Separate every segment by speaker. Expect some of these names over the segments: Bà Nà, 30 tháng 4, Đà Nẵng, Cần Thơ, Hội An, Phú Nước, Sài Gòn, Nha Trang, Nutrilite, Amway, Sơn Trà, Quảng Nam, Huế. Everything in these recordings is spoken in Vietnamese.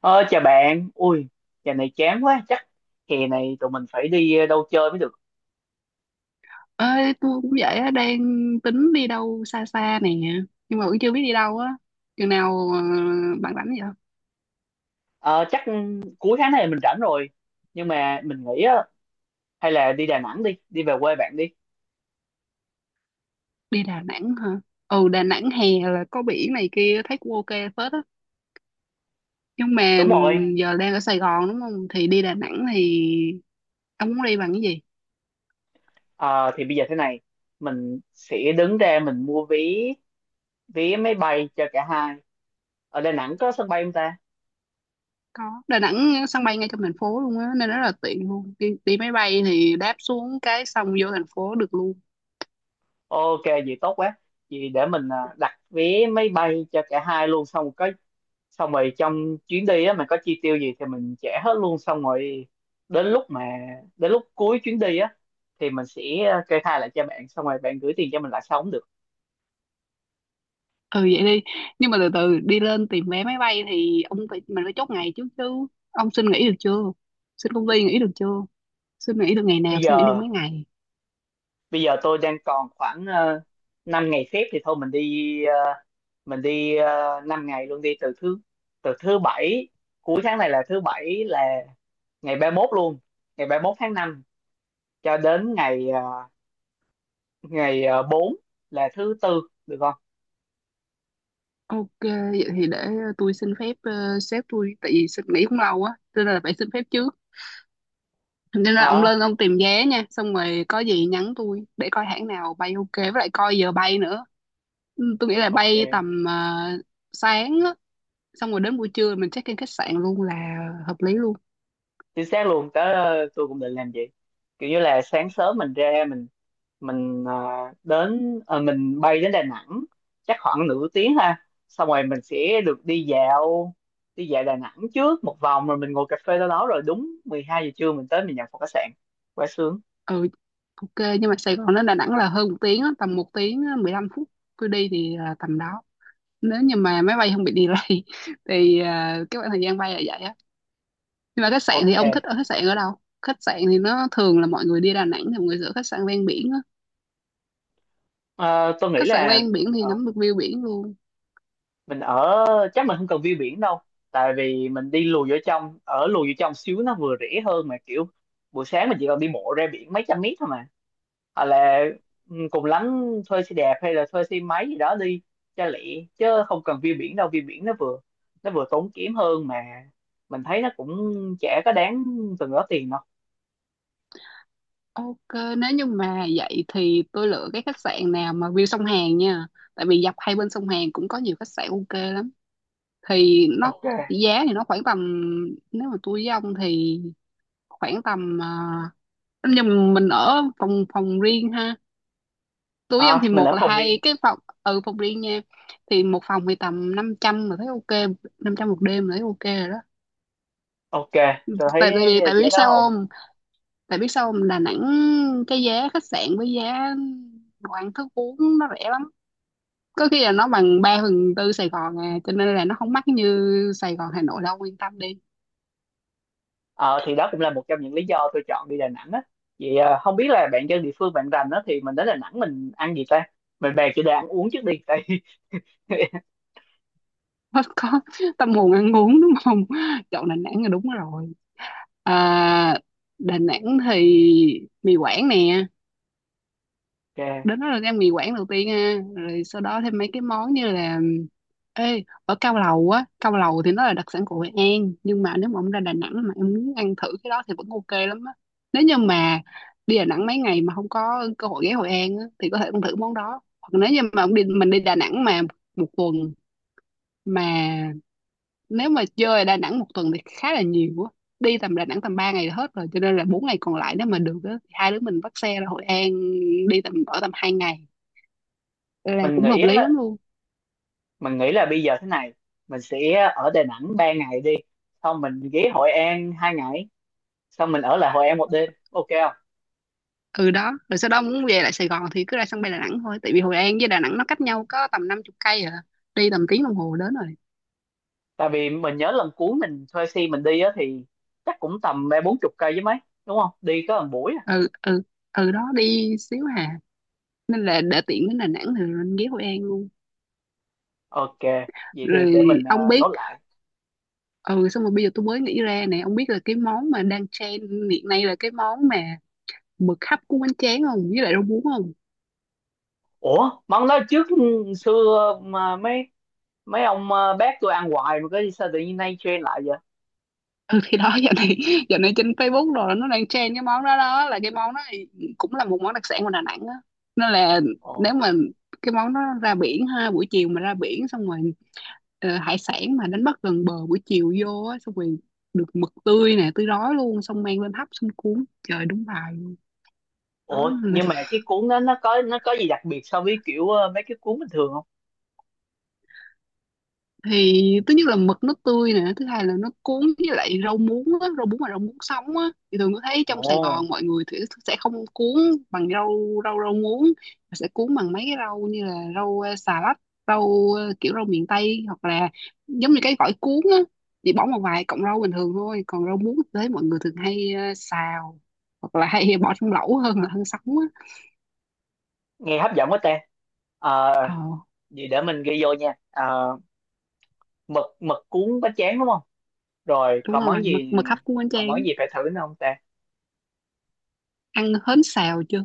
Speaker 1: Ờ, chào bạn, ui, giờ này chán quá, chắc hè này tụi mình phải đi đâu chơi mới được.
Speaker 2: Ơi tôi cũng vậy á, đang tính đi đâu xa xa nè, nhưng mà cũng chưa biết đi đâu á. Chừng nào bạn rảnh vậy?
Speaker 1: Ờ, chắc cuối tháng này mình rảnh rồi, nhưng mà mình nghĩ á, hay là đi Đà Nẵng đi, đi về quê bạn đi.
Speaker 2: Đi Đà Nẵng hả? Ừ, Đà Nẵng hè là có biển này kia, thấy cũng ok phết á, nhưng mà
Speaker 1: Đúng rồi.
Speaker 2: giờ đang ở Sài Gòn đúng không, thì đi Đà Nẵng thì ông muốn đi bằng cái gì?
Speaker 1: Ờ, thì bây giờ thế này, mình sẽ đứng ra mình mua vé máy bay cho cả hai. Ở Đà Nẵng có sân bay không ta?
Speaker 2: Có, Đà Nẵng sân bay ngay trong thành phố luôn á, nên rất là tiện luôn. Đi máy bay thì đáp xuống cái xong vô thành phố được luôn.
Speaker 1: Ok, vậy tốt quá. Vậy để mình đặt vé máy bay cho cả hai luôn, xong rồi trong chuyến đi á mình có chi tiêu gì thì mình trả hết luôn, xong rồi đến lúc mà đến lúc cuối chuyến đi á thì mình sẽ kê khai lại cho bạn, xong rồi bạn gửi tiền cho mình lại sao cũng được.
Speaker 2: Ừ vậy đi. Nhưng mà từ từ đi lên tìm vé máy bay thì ông phải mình phải chốt ngày trước chứ. Ông xin nghỉ được chưa? Xin công ty nghỉ được chưa? Xin nghỉ được ngày nào?
Speaker 1: bây
Speaker 2: Xin nghỉ được
Speaker 1: giờ
Speaker 2: mấy ngày?
Speaker 1: Bây giờ tôi đang còn khoảng 5 ngày phép, thì thôi mình đi 5 ngày luôn, đi từ thứ bảy, cuối tháng này là thứ bảy, là ngày ba mốt luôn, ngày ba mốt tháng 5 cho đến ngày 4, là thứ tư, được không?
Speaker 2: Ok, vậy thì để tôi xin phép sếp tôi, tại vì xin nghỉ cũng lâu á cho nên là phải xin phép trước. Nên là ông
Speaker 1: Ờ,
Speaker 2: lên ông tìm vé nha, xong rồi có gì nhắn tôi để coi hãng nào bay ok, với lại coi giờ bay nữa. Ừ, tôi nghĩ là
Speaker 1: ok,
Speaker 2: bay tầm sáng á, xong rồi đến buổi trưa mình check in khách sạn luôn là hợp lý luôn.
Speaker 1: chính xác luôn. Tôi cũng định làm vậy, kiểu như là sáng sớm mình ra, mình ờ, mình bay đến Đà Nẵng chắc khoảng nửa tiếng ha, xong rồi mình sẽ được đi dạo Đà Nẵng trước một vòng, rồi mình ngồi cà phê đâu đó, rồi đúng 12 giờ trưa mình tới mình nhận phòng khách sạn, quá sướng.
Speaker 2: Ừ ok. Nhưng mà Sài Gòn đến Đà Nẵng là hơn một tiếng á, tầm một tiếng 15 phút. Tôi đi thì là tầm đó, nếu như mà máy bay không bị delay thì à, cái khoảng thời gian bay là vậy á. Nhưng mà khách sạn thì
Speaker 1: Ok.
Speaker 2: ông thích ở khách sạn ở đâu? Khách sạn thì nó thường là mọi người đi Đà Nẵng thì mọi người sẽ khách sạn ven biển á.
Speaker 1: Ờ, tôi nghĩ
Speaker 2: Khách sạn
Speaker 1: là
Speaker 2: ven biển thì nắm được view biển luôn.
Speaker 1: mình ở, chắc mình không cần view biển đâu, tại vì mình đi lùi vô trong ở lùi vô trong xíu nó vừa rẻ hơn, mà kiểu buổi sáng mình chỉ cần đi bộ ra biển mấy trăm mét thôi mà. Hoặc là, cùng lắm thuê xe đạp hay là thuê xe máy gì đó đi cho lẹ, chứ không cần view biển đâu. View biển nó vừa tốn kém hơn, mà mình thấy nó cũng chả có đáng từng đó tiền đâu.
Speaker 2: Ok, nếu như mà vậy thì tôi lựa cái khách sạn nào mà view sông Hàn nha, tại vì dọc hai bên sông Hàn cũng có nhiều khách sạn ok lắm. Thì nó
Speaker 1: Ok.
Speaker 2: giá thì nó khoảng tầm, nếu mà tôi với ông thì khoảng tầm nhưng mình ở phòng phòng riêng ha. Túi ông
Speaker 1: À,
Speaker 2: thì
Speaker 1: mình
Speaker 2: một
Speaker 1: ở
Speaker 2: là
Speaker 1: phòng riêng.
Speaker 2: hai cái phòng, ừ phòng riêng nha. Thì một phòng thì tầm 500 mà thấy ok, 500 một đêm là thấy ok rồi đó.
Speaker 1: Ok, tôi thấy
Speaker 2: Tại tại vì tại vì
Speaker 1: chả
Speaker 2: biết
Speaker 1: đó
Speaker 2: sao
Speaker 1: ổn.
Speaker 2: không? Biết sao không? Đà Nẵng cái giá khách sạn với giá đồ ăn thức uống nó rẻ lắm, có khi là nó bằng 3 phần tư Sài Gòn à, cho nên là nó không mắc như Sài Gòn Hà Nội đâu, yên tâm đi.
Speaker 1: Ờ, thì đó cũng là một trong những lý do tôi chọn đi Đà Nẵng á. Vậy à, không biết là bạn dân địa phương bạn rành á, thì mình đến Đà Nẵng mình ăn gì ta? Mình bàn chủ đề ăn uống trước đi tại
Speaker 2: Có tâm hồn ăn uống đúng không? Chọn Đà Nẵng là đúng rồi. À, Đà Nẵng thì mì Quảng nè.
Speaker 1: ok.
Speaker 2: Đến đó là ăn mì Quảng đầu tiên ha, rồi sau đó thêm mấy cái món như là ê ở cao lầu á. Cao lầu thì nó là đặc sản của Hội An, nhưng mà nếu mà ông ra Đà Nẵng mà em muốn ăn thử cái đó thì vẫn ok lắm á. Nếu như mà đi Đà Nẵng mấy ngày mà không có cơ hội ghé Hội An á, thì có thể ăn thử món đó. Hoặc nếu như mà ông đi mình đi Đà Nẵng mà một tuần, mà nếu mà chơi ở Đà Nẵng một tuần thì khá là nhiều á. Đi tầm Đà Nẵng tầm 3 ngày là hết rồi, cho nên là 4 ngày còn lại nếu mà được á thì hai đứa mình bắt xe ra Hội An, đi tầm 2 ngày là
Speaker 1: mình
Speaker 2: cũng
Speaker 1: nghĩ
Speaker 2: hợp lý
Speaker 1: á,
Speaker 2: lắm luôn.
Speaker 1: mình nghĩ là bây giờ thế này, mình sẽ ở Đà Nẵng 3 ngày đi, xong mình ghé Hội An 2 ngày, xong mình ở lại Hội An một đêm, ok không?
Speaker 2: Ừ đó, rồi sau đó muốn về lại Sài Gòn thì cứ ra sân bay Đà Nẵng thôi, tại vì Hội An với Đà Nẵng nó cách nhau có tầm 50 cây à, đi tầm tiếng đồng hồ đến rồi.
Speaker 1: Tại vì mình nhớ lần cuối mình thuê xe mình đi á, thì chắc cũng tầm ba bốn chục cây chứ mấy, đúng không, đi có một buổi à.
Speaker 2: Ừ, ừ, ừ đó, đi xíu hà, nên là để tiện đến Đà Nẵng thì lên ghé Hội An luôn.
Speaker 1: Ok, vậy đi, để
Speaker 2: Rồi
Speaker 1: mình
Speaker 2: ông
Speaker 1: nốt
Speaker 2: biết,
Speaker 1: lại.
Speaker 2: ừ xong rồi bây giờ tôi mới nghĩ ra nè, ông biết là cái món mà đang trend hiện nay là cái món mà mực hấp của bánh tráng không với lại rau muống không.
Speaker 1: Ủa món đó trước xưa mà mấy mấy ông bác tôi ăn hoài mà, có sao tự nhiên nay trend lại vậy?
Speaker 2: Ừ thì đó, giờ này trên Facebook rồi, nó đang trend cái món đó. Đó là cái món đó thì cũng là một món đặc sản của Đà Nẵng á. Nên là
Speaker 1: Ồ.
Speaker 2: nếu mà cái món đó, ra biển ha, buổi chiều mà ra biển xong rồi hải sản mà đánh bắt gần bờ buổi chiều vô á, xong rồi được mực tươi nè, tươi rói luôn, xong mang lên hấp, xong cuốn trời đúng bài luôn. Đó,
Speaker 1: Ủa nhưng mà cái cuốn đó nó có gì đặc biệt so với kiểu mấy cái cuốn bình thường không?
Speaker 2: thì thứ nhất là mực nó tươi nè, thứ hai là nó cuốn với lại rau muống á, rau muống mà rau muống sống á. Thì thường có thấy trong
Speaker 1: Ồ,
Speaker 2: Sài Gòn mọi người thì sẽ không cuốn bằng rau rau rau muống, mà sẽ cuốn bằng mấy cái rau như là rau xà lách, rau kiểu rau miền Tây, hoặc là giống như cái gỏi cuốn á, chỉ bỏ một vài cọng rau bình thường thôi. Còn rau muống thì thấy mọi người thường hay xào hoặc là hay bỏ trong lẩu hơn là hơn sống á.
Speaker 1: nghe hấp dẫn quá ta. Ờ,
Speaker 2: ờ
Speaker 1: vậy để mình ghi vô nha. Ờ, mực mực cuốn bánh tráng đúng không? Rồi
Speaker 2: Đúng rồi, mực mực hấp cuốn bánh
Speaker 1: còn món
Speaker 2: tráng.
Speaker 1: gì phải thử nữa không ta?
Speaker 2: Ăn hến xào chưa?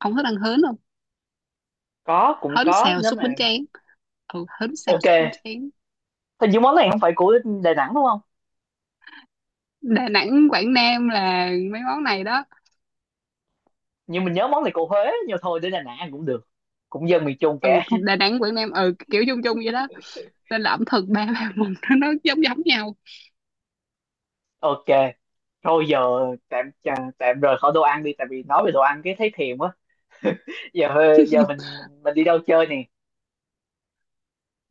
Speaker 2: Không thích ăn hến không?
Speaker 1: Có, cũng
Speaker 2: Hến
Speaker 1: có
Speaker 2: xào
Speaker 1: nếu
Speaker 2: xúc
Speaker 1: mà.
Speaker 2: bánh tráng, ừ hến xào
Speaker 1: Ok.
Speaker 2: xúc bánh tráng.
Speaker 1: Hình như món này không phải của Đà Nẵng đúng không?
Speaker 2: Đà Nẵng Quảng Nam là mấy món này đó.
Speaker 1: Nhưng mình nhớ món này của Huế, nhưng thôi đến Đà Nẵng ăn cũng được, cũng dân miền Trung
Speaker 2: Ừ,
Speaker 1: cả
Speaker 2: Đà Nẵng Quảng Nam, ừ kiểu chung chung vậy đó, nên là ẩm thực ba ba vùng, nó giống giống nhau.
Speaker 1: ok. Thôi giờ, tạm tạm rời khỏi đồ ăn đi, tại vì nói về đồ ăn cái thấy thèm quá. Giờ giờ mình đi đâu chơi nè?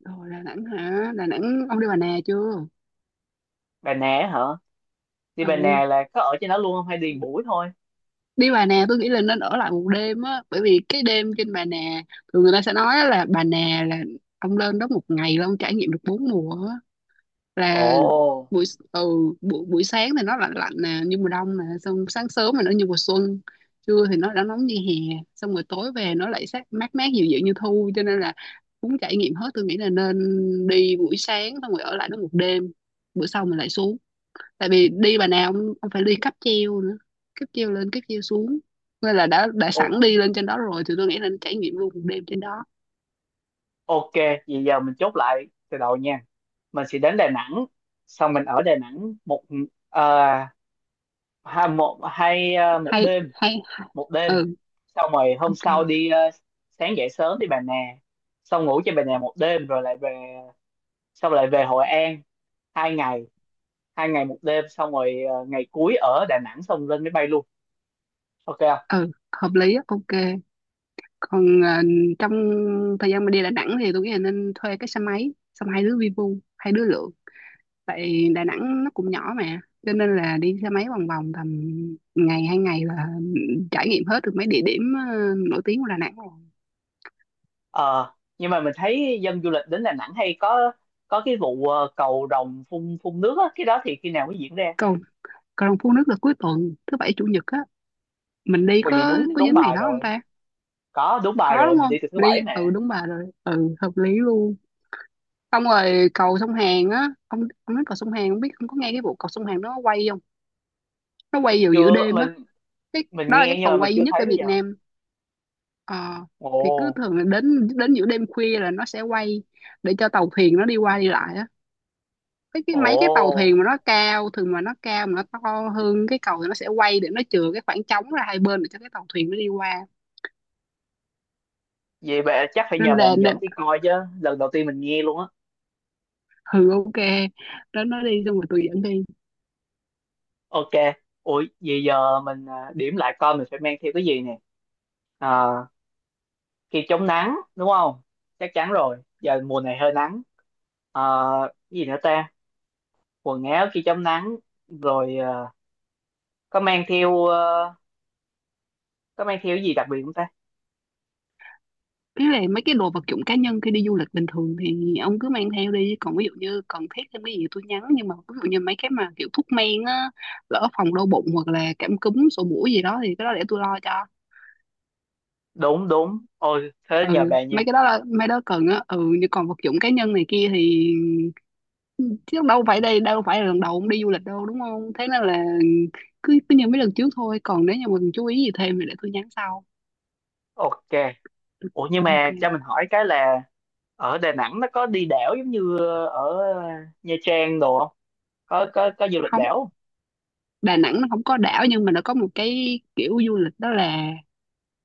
Speaker 2: Rồi, Đà Nẵng hả? Đà Nẵng ông đi Bà Nà chưa?
Speaker 1: Bà Nè hả? Đi Bà
Speaker 2: Ừ,
Speaker 1: Nè là có ở trên đó luôn không hay đi một buổi thôi?
Speaker 2: đi Bà Nà tôi nghĩ là nên ở lại một đêm á, bởi vì cái đêm trên Bà Nà, thường người ta sẽ nói là Bà Nà là ông lên đó một ngày là ông trải nghiệm được bốn mùa á.
Speaker 1: Ồ.
Speaker 2: Là buổi ừ, buổi buổi sáng thì nó lạnh lạnh nè như mùa đông nè, xong sáng sớm thì nó như mùa xuân, trưa thì nó đã nóng như hè, xong rồi tối về nó lại sát mát mát dịu dịu như thu, cho nên là muốn trải nghiệm hết tôi nghĩ là nên đi buổi sáng xong rồi ở lại đó một đêm, bữa sau mình lại xuống. Tại vì đi bà nào ông phải đi cáp treo nữa, cáp treo lên cáp treo xuống, nên là đã sẵn
Speaker 1: Ok.
Speaker 2: đi lên trên đó rồi thì tôi nghĩ là trải nghiệm luôn một đêm trên đó.
Speaker 1: Ok, vậy giờ mình chốt lại từ đầu nha. Mình sẽ đến Đà Nẵng, xong mình ở Đà Nẵng một ờ, hai một hai một
Speaker 2: Hay
Speaker 1: đêm,
Speaker 2: hay hay.
Speaker 1: một đêm.
Speaker 2: Ừ
Speaker 1: Xong rồi hôm
Speaker 2: ok,
Speaker 1: sau sáng dậy sớm đi Bà Nà, xong ngủ trên Bà Nà một đêm rồi lại về, xong lại về Hội An 2 ngày, 2 ngày một đêm, xong rồi ngày cuối ở Đà Nẵng xong lên máy bay luôn. Ok không?
Speaker 2: ừ hợp lý á, ok. Còn trong thời gian mà đi Đà Nẵng thì tôi nghĩ là nên thuê cái xe máy, xong hai đứa vi vu hai đứa lượn, tại Đà Nẵng nó cũng nhỏ mà, cho nên là đi xe máy vòng vòng tầm 2 ngày là trải nghiệm hết được mấy địa điểm nổi tiếng của Đà Nẵng rồi.
Speaker 1: Ờ, nhưng mà mình thấy dân du lịch đến Đà Nẵng hay có cái vụ cầu rồng phun phun nước á, cái đó thì khi nào mới diễn ra?
Speaker 2: Còn còn Phú Nước là cuối tuần thứ bảy chủ nhật á, mình đi
Speaker 1: Ủa vậy
Speaker 2: có
Speaker 1: đúng
Speaker 2: có
Speaker 1: đúng
Speaker 2: dính ngày
Speaker 1: bài
Speaker 2: đó không
Speaker 1: rồi,
Speaker 2: ta?
Speaker 1: có đúng bài
Speaker 2: Có
Speaker 1: rồi,
Speaker 2: đúng
Speaker 1: mình
Speaker 2: không,
Speaker 1: đi từ thứ
Speaker 2: mình
Speaker 1: bảy
Speaker 2: đi
Speaker 1: mà.
Speaker 2: ừ đúng bà rồi, ừ hợp lý luôn. Xong rồi cầu sông Hàn á, ông nói cầu sông Hàn không biết không có nghe cái vụ cầu sông Hàn nó quay không. Nó quay vào giữa
Speaker 1: Chưa,
Speaker 2: đêm á.
Speaker 1: mình
Speaker 2: Cái
Speaker 1: mình
Speaker 2: đó là
Speaker 1: nghe
Speaker 2: cái
Speaker 1: nhưng
Speaker 2: cầu
Speaker 1: mà mình
Speaker 2: quay duy
Speaker 1: chưa
Speaker 2: nhất ở
Speaker 1: thấy bây
Speaker 2: Việt
Speaker 1: giờ.
Speaker 2: Nam. Ờ,
Speaker 1: Ồ.
Speaker 2: thì cứ thường là đến đến giữa đêm khuya là nó sẽ quay để cho tàu thuyền nó đi qua đi lại á. Cái
Speaker 1: Ồ,
Speaker 2: Mấy cái tàu thuyền mà nó cao, thường mà nó cao mà nó to hơn cái cầu thì nó sẽ quay để nó chừa cái khoảng trống ra hai bên để cho cái tàu thuyền nó đi qua.
Speaker 1: vậy bạn chắc phải
Speaker 2: Nên
Speaker 1: nhờ
Speaker 2: là
Speaker 1: bạn
Speaker 2: nè,
Speaker 1: dẫn đi coi chứ, lần đầu tiên mình nghe luôn á.
Speaker 2: ừ ok đó, nó đi xong rồi tôi dẫn đi.
Speaker 1: Ok. Ủa vậy giờ mình, à, điểm lại coi mình phải mang theo cái gì nè. À, kem chống nắng đúng không? Chắc chắn rồi, giờ mùa này hơi nắng. À, cái gì nữa ta? Quần áo khi chống nắng, rồi. À, có mang theo ờ, có mang theo cái gì đặc biệt không ta?
Speaker 2: Ý là mấy cái đồ vật dụng cá nhân khi đi du lịch bình thường thì ông cứ mang theo đi. Còn ví dụ như cần thiết thêm cái gì tôi nhắn. Nhưng mà ví dụ như mấy cái mà kiểu thuốc men á, lỡ phòng đau bụng hoặc là cảm cúm, sổ mũi gì đó thì cái đó để tôi lo cho.
Speaker 1: Đúng đúng, ôi thế nhờ
Speaker 2: Ừ,
Speaker 1: bạn nha.
Speaker 2: mấy cái đó là mấy đó cần á. Ừ, nhưng còn vật dụng cá nhân này kia thì chứ đâu phải đây, đâu phải là lần đầu ông đi du lịch đâu đúng không? Thế nên là cứ cứ như mấy lần trước thôi. Còn nếu như mình chú ý gì thêm thì để tôi nhắn sau.
Speaker 1: Ok. Ủa nhưng
Speaker 2: Ok.
Speaker 1: mà cho mình hỏi cái là ở Đà Nẵng nó có đi đảo giống như ở Nha Trang đồ không? Có du lịch
Speaker 2: Không,
Speaker 1: đảo không?
Speaker 2: Đà Nẵng nó không có đảo, nhưng mà nó có một cái kiểu du lịch, đó là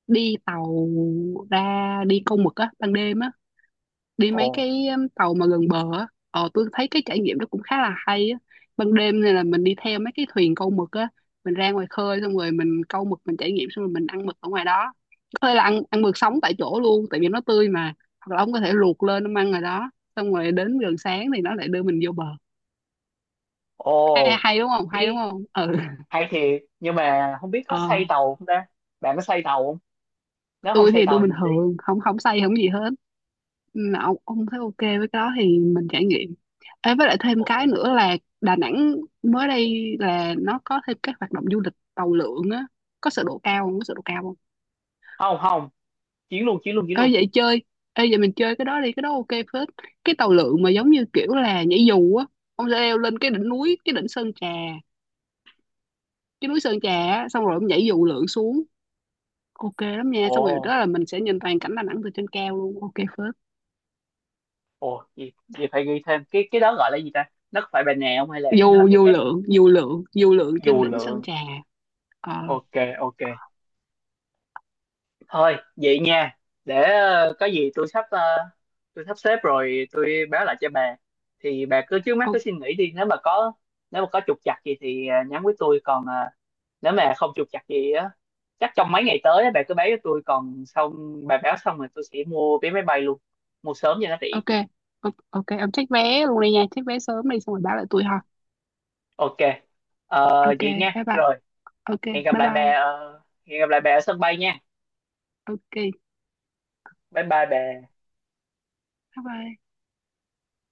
Speaker 2: đi tàu ra đi câu mực á ban đêm á, đi
Speaker 1: Ồ.
Speaker 2: mấy cái tàu mà gần bờ á, tôi thấy cái trải nghiệm đó cũng khá là hay á. Ban đêm này là mình đi theo mấy cái thuyền câu mực á, mình ra ngoài khơi, xong rồi mình câu mực, mình trải nghiệm, xong rồi mình ăn mực ở ngoài đó. Có thể là ăn ăn mực sống tại chỗ luôn, tại vì nó tươi mà, hoặc là ông có thể luộc lên ông ăn rồi đó, xong rồi đến gần sáng thì nó lại đưa mình vô bờ.
Speaker 1: Ồ,
Speaker 2: Hay đúng không, hay đúng
Speaker 1: ý
Speaker 2: không, ừ.
Speaker 1: hay thiệt, nhưng mà không biết có
Speaker 2: ờ
Speaker 1: xây tàu không ta? Bạn có xây tàu không? Nếu không
Speaker 2: tôi
Speaker 1: xây
Speaker 2: thì tôi
Speaker 1: tàu thì
Speaker 2: bình
Speaker 1: mình đi.
Speaker 2: thường không không say không gì hết. Ừ, ông thấy ok với cái đó thì mình trải nghiệm. Ê, với lại thêm
Speaker 1: Ok.
Speaker 2: cái nữa là Đà Nẵng mới đây là nó có thêm các hoạt động du lịch tàu lượn á, có sợ độ cao không, có sợ độ cao không?
Speaker 1: Không không, chuyến luôn chuyến luôn chuyến
Speaker 2: ê
Speaker 1: luôn.
Speaker 2: vậy chơi Ê vậy mình chơi cái đó đi, cái đó ok phết. Cái tàu lượn mà giống như kiểu là nhảy dù á, ông sẽ leo lên cái đỉnh núi, cái đỉnh Sơn Trà, cái núi Sơn Trà á, xong rồi ông nhảy dù lượn xuống, ok lắm nha, xong rồi
Speaker 1: Ồ.
Speaker 2: đó là mình sẽ nhìn toàn cảnh Đà Nẵng từ trên cao luôn, ok phết.
Speaker 1: Ồ, gì gì phải ghi thêm, cái đó gọi là gì ta? Nó có phải Bà Nè không hay là nó là
Speaker 2: dù
Speaker 1: cái
Speaker 2: dù
Speaker 1: khác nữa?
Speaker 2: lượn, dù lượn, dù lượn trên
Speaker 1: Dù
Speaker 2: đỉnh Sơn
Speaker 1: lượn.
Speaker 2: Trà. Ờ
Speaker 1: Ok, ok. Thôi vậy nha, để có gì tôi sắp xếp rồi tôi báo lại cho bà, thì bà cứ trước mắt cứ
Speaker 2: ok.
Speaker 1: suy nghĩ đi, nếu mà có trục trặc gì thì nhắn với tôi, còn nếu mà không trục trặc gì á, chắc trong mấy ngày tới á, bà cứ báo cho tôi, còn xong bà báo xong rồi tôi sẽ mua vé máy bay luôn, mua sớm cho nó rẻ.
Speaker 2: Ok ok ok, ông check vé luôn đi nha, check vé sớm đi xong rồi báo lại tôi ha.
Speaker 1: Ok. Ờ,
Speaker 2: Ok,
Speaker 1: vậy nha
Speaker 2: bye bye,
Speaker 1: rồi,
Speaker 2: ok,
Speaker 1: hẹn gặp
Speaker 2: bye
Speaker 1: lại bà
Speaker 2: bye,
Speaker 1: ờ, hẹn gặp lại bà ở sân bay nha.
Speaker 2: ok,
Speaker 1: Bye bye bà.
Speaker 2: bye bye.